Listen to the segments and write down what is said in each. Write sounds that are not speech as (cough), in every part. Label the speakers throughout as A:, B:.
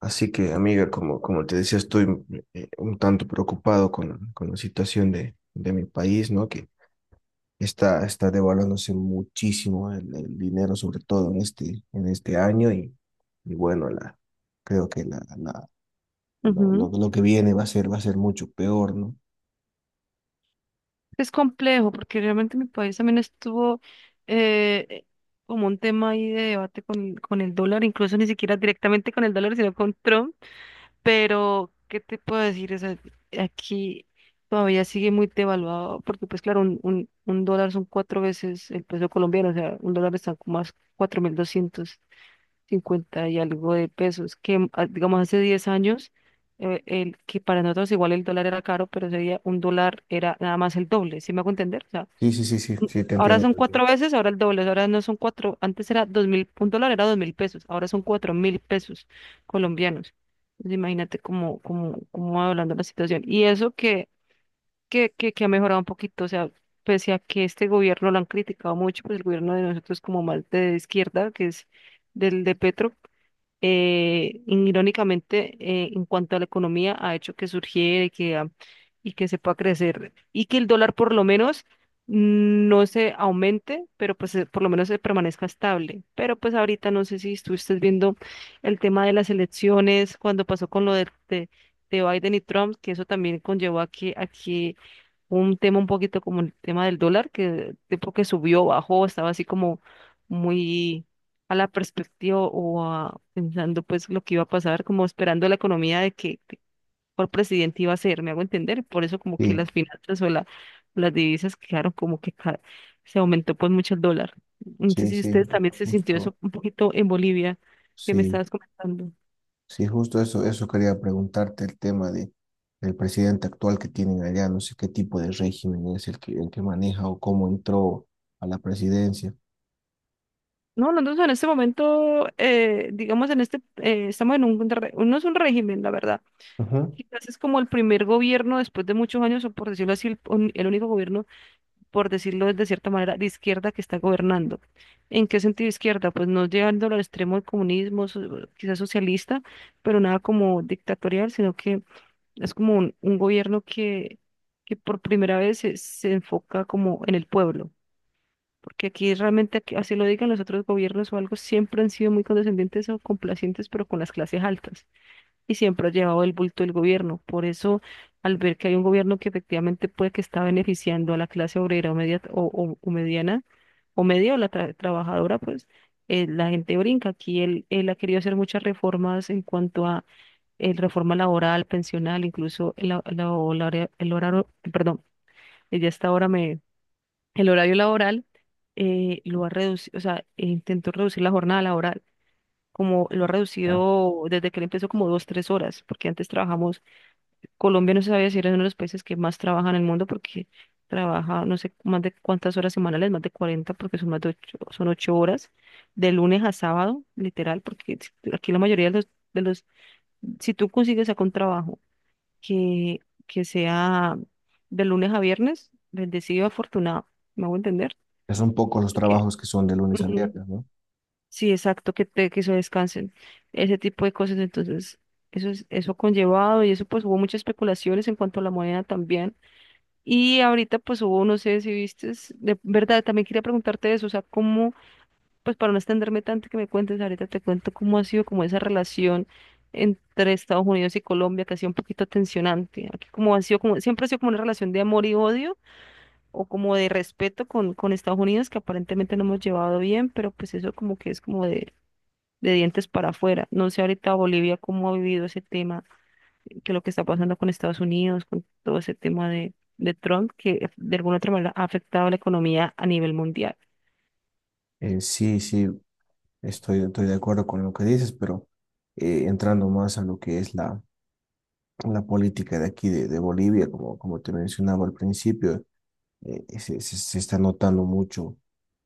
A: Así que, amiga, como te decía, estoy un tanto preocupado con la situación de mi país, ¿no? Que está devaluándose muchísimo el dinero, sobre todo en este año, y, bueno, creo que
B: Ujú.
A: lo que viene va a ser mucho peor, ¿no?
B: Es complejo porque realmente mi país también estuvo eh, eh, como un tema ahí de debate con, el dólar, incluso ni siquiera directamente con el dólar, sino con Trump. Pero, ¿qué te puedo decir? O sea, aquí todavía sigue muy devaluado porque, pues claro, un dólar son cuatro veces el peso colombiano, o sea, un dólar está como a 4.250 y algo de pesos, que digamos hace 10 años, que para nosotros igual el dólar era caro, pero ese día un dólar era nada más el doble, ¿sí me hago entender? O sea,
A: Sí, sí, sí, sí, sí, te
B: ahora
A: entiendo. Te
B: son
A: entiendo.
B: cuatro veces, ahora el doble, ahora no son cuatro, antes era 2.000, un dólar era 2.000 pesos, ahora son 4.000 pesos colombianos. Entonces, imagínate cómo va hablando la situación. Y eso que, que ha mejorado un poquito, o sea, pese a que este gobierno lo han criticado mucho, pues el gobierno de nosotros como más de izquierda, que es del de Petro, irónicamente, en cuanto a la economía, ha hecho que surgiera y que, y que se pueda crecer y que el dólar por lo menos no se aumente, pero pues por lo menos se permanezca estable. Pero pues ahorita no sé si estuviste viendo el tema de las elecciones, cuando pasó con lo de, de Biden y Trump, que eso también conllevó a que un tema un poquito como el tema del dólar, que tipo que subió, bajó, estaba así como muy a la perspectiva o pensando pues lo que iba a pasar, como esperando la economía de que cuál presidente iba a ser, me hago entender, por eso como que las
A: Sí,
B: finanzas o la, las divisas quedaron como que se aumentó pues mucho el dólar. No sé
A: sí,
B: si
A: sí,
B: ustedes también se sintió eso
A: justo,
B: un poquito en Bolivia, que me
A: sí.
B: estabas comentando.
A: Sí, justo eso quería preguntarte el tema del presidente actual que tienen allá, no sé qué tipo de régimen es el que maneja o cómo entró a la presidencia.
B: No, nosotros en este momento, digamos, en este, estamos en un, no es un régimen, la verdad.
A: Ujú.
B: Quizás es como el primer gobierno después de muchos años, o por decirlo así, el único gobierno, por decirlo de cierta manera, de izquierda que está gobernando. ¿En qué sentido izquierda? Pues no llegando al extremo del comunismo, quizás socialista, pero nada como dictatorial, sino que es como un gobierno que, por primera vez se enfoca como en el pueblo. Porque aquí realmente, así lo digan los otros gobiernos o algo, siempre han sido muy condescendientes o complacientes, pero con las clases altas y siempre ha llevado el bulto del gobierno. Por eso, al ver que hay un gobierno que efectivamente puede que está beneficiando a la clase obrera o, media, o, o mediana, o media o la trabajadora, pues la gente brinca. Aquí él ha querido hacer muchas reformas en cuanto a reforma laboral, pensional, incluso el, la- la- o la hora- el horario, perdón, ya hasta ahora me, el horario laboral lo ha reducido, o sea, intentó reducir la jornada laboral como lo ha
A: Ya.
B: reducido desde que él empezó como dos, tres horas, porque antes trabajamos. Colombia no se sabía si era uno de los países que más trabaja en el mundo porque trabaja no sé más de cuántas horas semanales, más de 40 porque son más de 8, son 8 horas de lunes a sábado, literal, porque aquí la mayoría de los si tú consigues acá un trabajo que, sea de lunes a viernes, bendecido, afortunado, ¿me hago entender?
A: Que son pocos los
B: Porque
A: trabajos que son de lunes a
B: ujú,
A: viernes, ¿no?
B: sí, exacto, que te que se descansen, ese tipo de cosas, entonces eso es, eso conllevado y eso pues hubo muchas especulaciones en cuanto a la moneda también. Y ahorita pues hubo, no sé si viste, de verdad, también quería preguntarte eso, o sea, cómo, pues para no extenderme tanto que me cuentes, ahorita te cuento cómo ha sido como esa relación entre Estados Unidos y Colombia, que ha sido un poquito tensionante. Aquí como ha sido como, siempre ha sido como una relación de amor y odio, o como de respeto con, Estados Unidos, que aparentemente no hemos llevado bien, pero pues eso como que es como de, dientes para afuera. No sé ahorita Bolivia cómo ha vivido ese tema que lo que está pasando con Estados Unidos, con todo ese tema de, Trump, que de alguna otra manera ha afectado la economía a nivel mundial.
A: Sí, sí, estoy de acuerdo con lo que dices, pero entrando más a lo que es la política de aquí de Bolivia, como te mencionaba al principio, se, se está notando mucho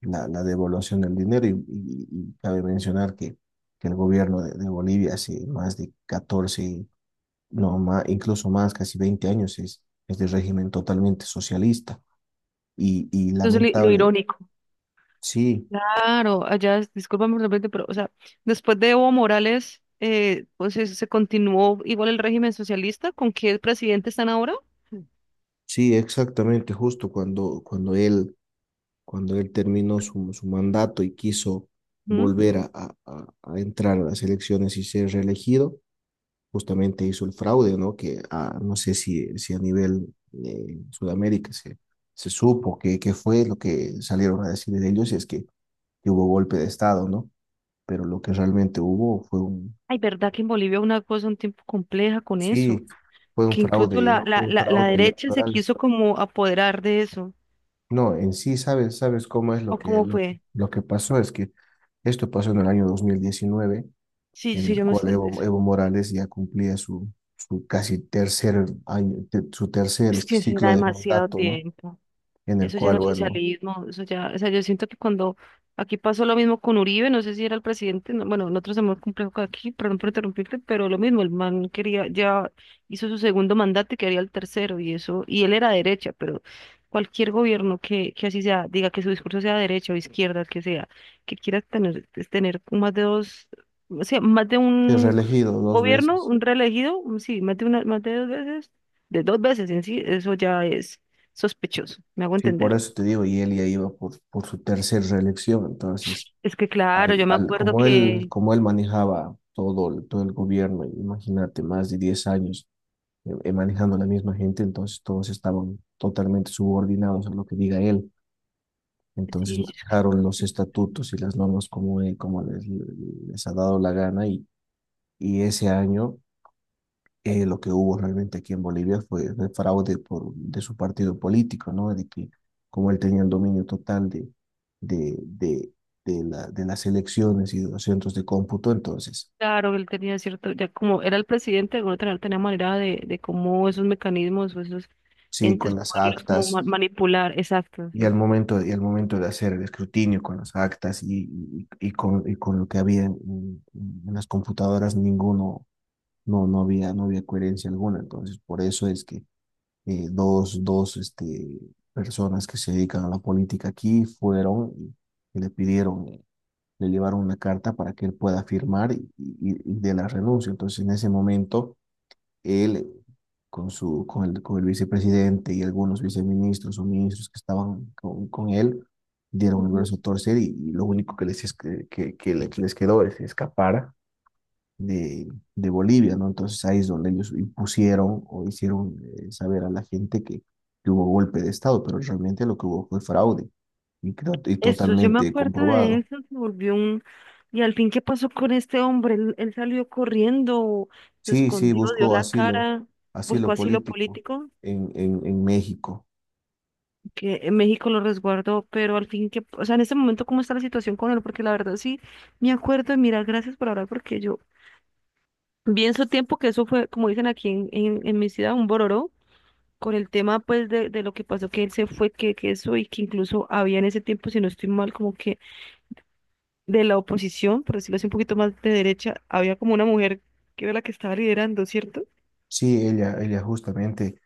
A: la devaluación del dinero y cabe mencionar que el gobierno de Bolivia hace más de 14, no, más, incluso más, casi 20 años es de régimen totalmente socialista y
B: Entonces, lo
A: lamentable.
B: irónico.
A: Sí,
B: Claro, allá, discúlpame por repente, pero, o sea, después de Evo Morales, pues se continuó igual el régimen socialista, ¿con qué presidente están ahora?
A: sí, exactamente, justo cuando él terminó su mandato y quiso
B: ¿Mm?
A: volver a entrar a las elecciones y ser reelegido, justamente hizo el fraude, ¿no? Que no sé si, si a nivel Sudamérica se, se supo que fue lo que salieron a decir de ellos, y es que hubo golpe de Estado, ¿no? Pero lo que realmente hubo fue
B: Ay, verdad que en Bolivia una cosa un tiempo compleja con eso,
A: sí,
B: que incluso la,
A: fue
B: la,
A: un
B: la, la
A: fraude
B: derecha se
A: electoral.
B: quiso como apoderar de eso,
A: No, en sí, ¿sabes, cómo es lo
B: ¿o
A: que,
B: cómo
A: lo,
B: fue?
A: lo que pasó? Es que esto pasó en el año 2019,
B: Sí,
A: en
B: sí,
A: el
B: yo me...
A: cual Evo Morales ya cumplía su casi tercer año, su tercer
B: Es que será
A: ciclo de
B: demasiado
A: mandato, ¿no?
B: tiempo.
A: En el
B: Eso ya no
A: cual,
B: es
A: bueno,
B: socialismo. Eso ya, o sea, yo siento que cuando aquí pasó lo mismo con Uribe, no sé si era el presidente, bueno, nosotros somos complejo que aquí, perdón por interrumpirte, pero lo mismo, el man quería, ya hizo su segundo mandato y quería el tercero, y eso, y él era derecha, pero cualquier gobierno que, así sea, diga que su discurso sea derecha o izquierda, que sea, que quiera tener, es tener más de dos, o sea, más de
A: es
B: un
A: reelegido dos
B: gobierno,
A: veces.
B: un reelegido, sí, más de una, más de dos veces en sí, eso ya es sospechoso, ¿me hago
A: Sí, por
B: entender?
A: eso te digo, y él ya iba por su tercera reelección. Entonces,
B: Es que claro, yo me acuerdo
A: como él,
B: que,
A: como él manejaba todo, todo el gobierno, imagínate, más de 10 años manejando a la misma gente, entonces todos estaban totalmente subordinados a lo que diga él. Entonces
B: sí,
A: manejaron los estatutos y las normas como les ha dado la gana y ese año lo que hubo realmente aquí en Bolivia fue el fraude de su partido político, ¿no? De que como él tenía el dominio total de, de, de las elecciones y de los centros de cómputo, entonces,
B: claro, él tenía cierto, ya como era el presidente, de alguna manera tenía manera de, cómo esos mecanismos o esos
A: sí,
B: entes
A: con las
B: poderlos como
A: actas
B: manipular, exacto, o
A: y
B: sea,
A: y al momento de hacer el escrutinio con las actas y con lo que había en las computadoras, no, no había coherencia alguna, entonces por eso es que dos personas que se dedican a la política aquí fueron y le pidieron, le llevaron una carta para que él pueda firmar y de la renuncia. Entonces, en ese momento, él con el vicepresidente y algunos viceministros o ministros que estaban con él, dieron el
B: ujú.
A: brazo a torcer y lo único que les, es- que le- que les quedó es escapar de, de Bolivia, ¿no? Entonces ahí es donde ellos impusieron o hicieron saber a la gente que hubo golpe de Estado, pero realmente lo que hubo fue fraude y, creo, y
B: Eso, yo me
A: totalmente
B: acuerdo de
A: comprobado.
B: eso, se volvió un... Y al fin, ¿qué pasó con este hombre? Él salió corriendo, se
A: Sí, sí,
B: escondió, dio
A: buscó
B: la
A: asilo,
B: cara, buscó
A: asilo
B: asilo
A: político
B: político.
A: en México.
B: Que México lo resguardó, pero al fin que, o sea, en este momento, ¿cómo está la situación con él? Porque la verdad sí, me acuerdo, y mira, gracias por hablar, porque yo vi en su tiempo que eso fue, como dicen aquí en mi ciudad, un bororó, con el tema pues de, lo que pasó, que él se fue, que eso, y que incluso había en ese tiempo, si no estoy mal, como que de la oposición, por decirlo así, un poquito más de derecha, había como una mujer que era la que estaba liderando, ¿cierto?
A: Sí, ella justamente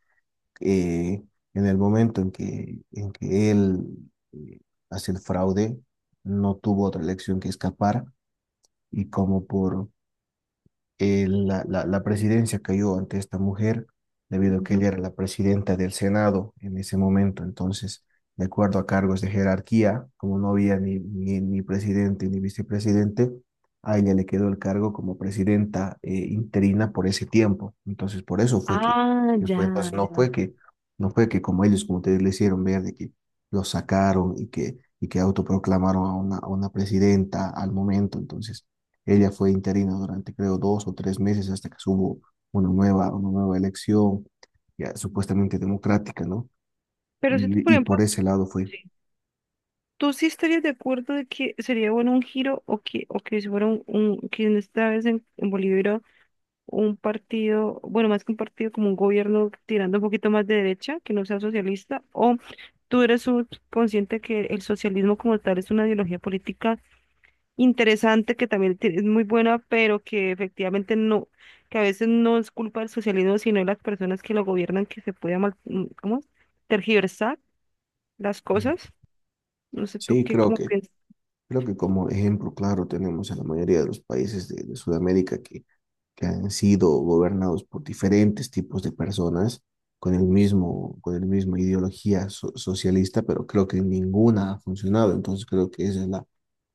A: eh, en el momento en que él eh, hace el fraude, no tuvo otra elección que escapar y como por la presidencia cayó ante esta mujer debido a que
B: Ujú.
A: ella era la presidenta del Senado en ese momento. Entonces, de acuerdo a cargos de jerarquía, como no había ni presidente ni vicepresidente, a ella le quedó el cargo como presidenta interina por ese tiempo. Entonces, por eso fue que,
B: Ah,
A: que
B: ya,
A: fue. Entonces, no
B: ya.
A: fue que, no fue que como ellos, como ustedes le hicieron ver, de que lo sacaron y que autoproclamaron a una presidenta al momento. Entonces, ella fue interina durante, creo, 2 o 3 meses hasta que hubo una nueva elección, ya supuestamente democrática, ¿no?
B: Pero si tú, por
A: Y
B: ejemplo,
A: por ese lado fue.
B: sí, ¿tú sí estarías de acuerdo de que sería bueno un giro o que si fuera que en esta vez en Bolivia hubiera un partido, bueno, más que un partido, como un gobierno tirando un poquito más de derecha, que no sea socialista? ¿O tú eres consciente que el socialismo como tal es una ideología política interesante, que también es muy buena, pero que efectivamente no, que a veces no es culpa del socialismo, sino de las personas que lo gobiernan, que se puede mal, ¿cómo es? Tergiversar las
A: Mm.
B: cosas. No sé tú
A: Sí,
B: qué,
A: creo
B: cómo
A: que,
B: piensas.
A: creo que como ejemplo claro tenemos a la mayoría de los países de Sudamérica que han sido gobernados por diferentes tipos de personas con el mismo ideología socialista, pero creo que ninguna ha funcionado. Entonces creo que esa es la,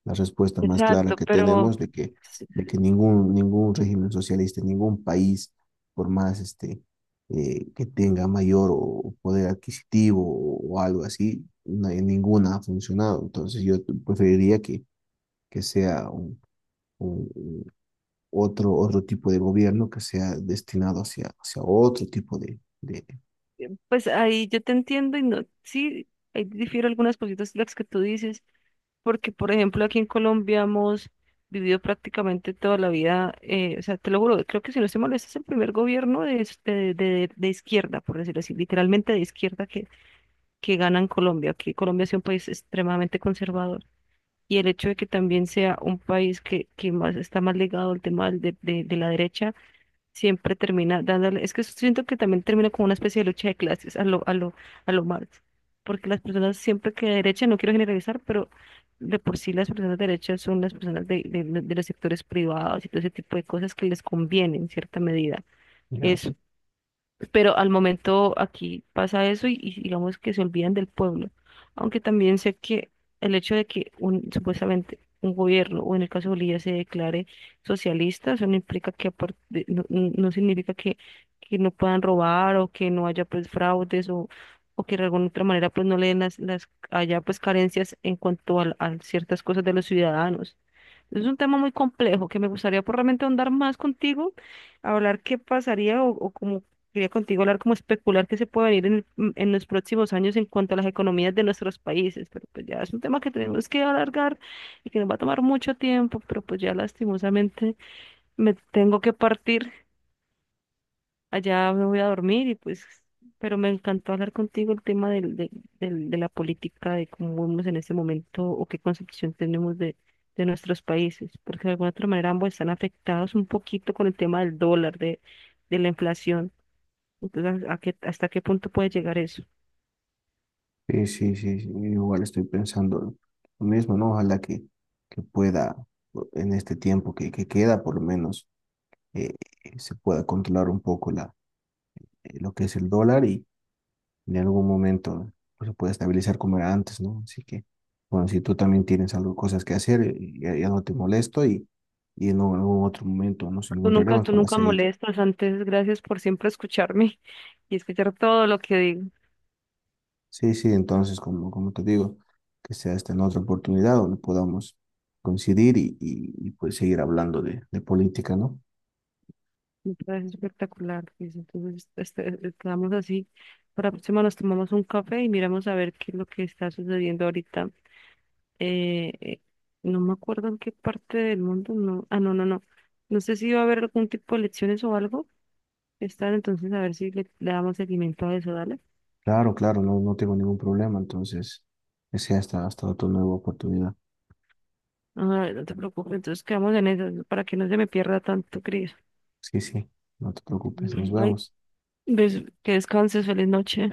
A: la respuesta más clara
B: Exacto,
A: que
B: pero
A: tenemos
B: s-
A: de que ningún régimen socialista, ningún país, por más que tenga mayor o poder adquisitivo o algo así, ninguna ha funcionado. Entonces yo preferiría que sea un, un- otro tipo de gobierno que sea destinado hacia otro tipo de...
B: pues ahí yo te entiendo y no, sí, ahí difiero algunas cositas de las que tú dices, porque por ejemplo aquí en Colombia hemos vivido prácticamente toda la vida, o sea, te lo juro, creo que si no estoy mal, este es el primer gobierno de, de izquierda, por decirlo así, literalmente de izquierda que, gana en Colombia, que Colombia es un país extremadamente conservador. Y el hecho de que también sea un país que, más está más ligado al tema de la derecha siempre termina dándole, es que siento que también termina como una especie de lucha de clases a lo, a lo Marx, porque las personas siempre que de derecha, no quiero generalizar, pero de por sí las personas de derecha son las personas de los sectores privados y todo ese tipo de cosas que les conviene en cierta medida,
A: Ya.
B: pero al momento aquí pasa eso y, digamos que se olvidan del pueblo. Aunque también sé que el hecho de que un, supuestamente un gobierno, o en el caso de Bolivia, se declare socialista, eso no implica que no significa que, no puedan robar o que no haya pues fraudes o, que de alguna otra manera pues no le den las, haya pues carencias en cuanto a ciertas cosas de los ciudadanos. Es un tema muy complejo que me gustaría por realmente ahondar más contigo, hablar qué pasaría. O Quería contigo hablar como especular qué se puede venir en, en los próximos años en cuanto a las economías de nuestros países, pero pues ya es un tema que tenemos que alargar y que nos va a tomar mucho tiempo, pero pues ya lastimosamente me tengo que partir, allá me voy a dormir y pues, pero me encantó hablar contigo el tema de la política, de cómo vemos en este momento o qué concepción tenemos de, nuestros países, porque de alguna otra manera ambos están afectados un poquito con el tema del dólar, de, la inflación. Entonces, ¿a qué, hasta qué punto puede llegar eso?
A: Sí, sí, sí, sí, igual estoy pensando lo mismo, ¿no? Ojalá que pueda, en este tiempo que queda, por lo menos, eh, se pueda controlar un poco lo que es el dólar y en algún momento pues, se pueda estabilizar como era antes, ¿no? Así que, bueno, si tú también tienes algo, cosas que hacer, ya, ya no te molesto y en algún otro momento nos encontraremos
B: Tú
A: para
B: nunca
A: seguir.
B: molestas. Antes, gracias por siempre escucharme (laughs) y escuchar todo lo que digo.
A: Sí, sí, entonces, como te digo, que sea esta en otra oportunidad donde podamos coincidir y pues seguir hablando de política, ¿no?
B: Me parece espectacular, Cris. Entonces, estamos así. Para la próxima nos tomamos un café y miramos a ver qué es lo que está sucediendo ahorita. Eh, eh, no me acuerdo en qué parte del mundo. No. Ah, no, no, no. No sé si va a haber algún tipo de elecciones o algo. Están entonces a ver si le damos seguimiento a eso, dale.
A: Claro, claro, no, no tengo ningún problema, entonces, que sea hasta otra nueva oportunidad.
B: Ah, no te preocupes. Entonces quedamos en eso para que no se me pierda tanto, Cris.
A: Sí, sí, no te preocupes, nos
B: Ay,
A: vemos.
B: que descanses, feliz noche.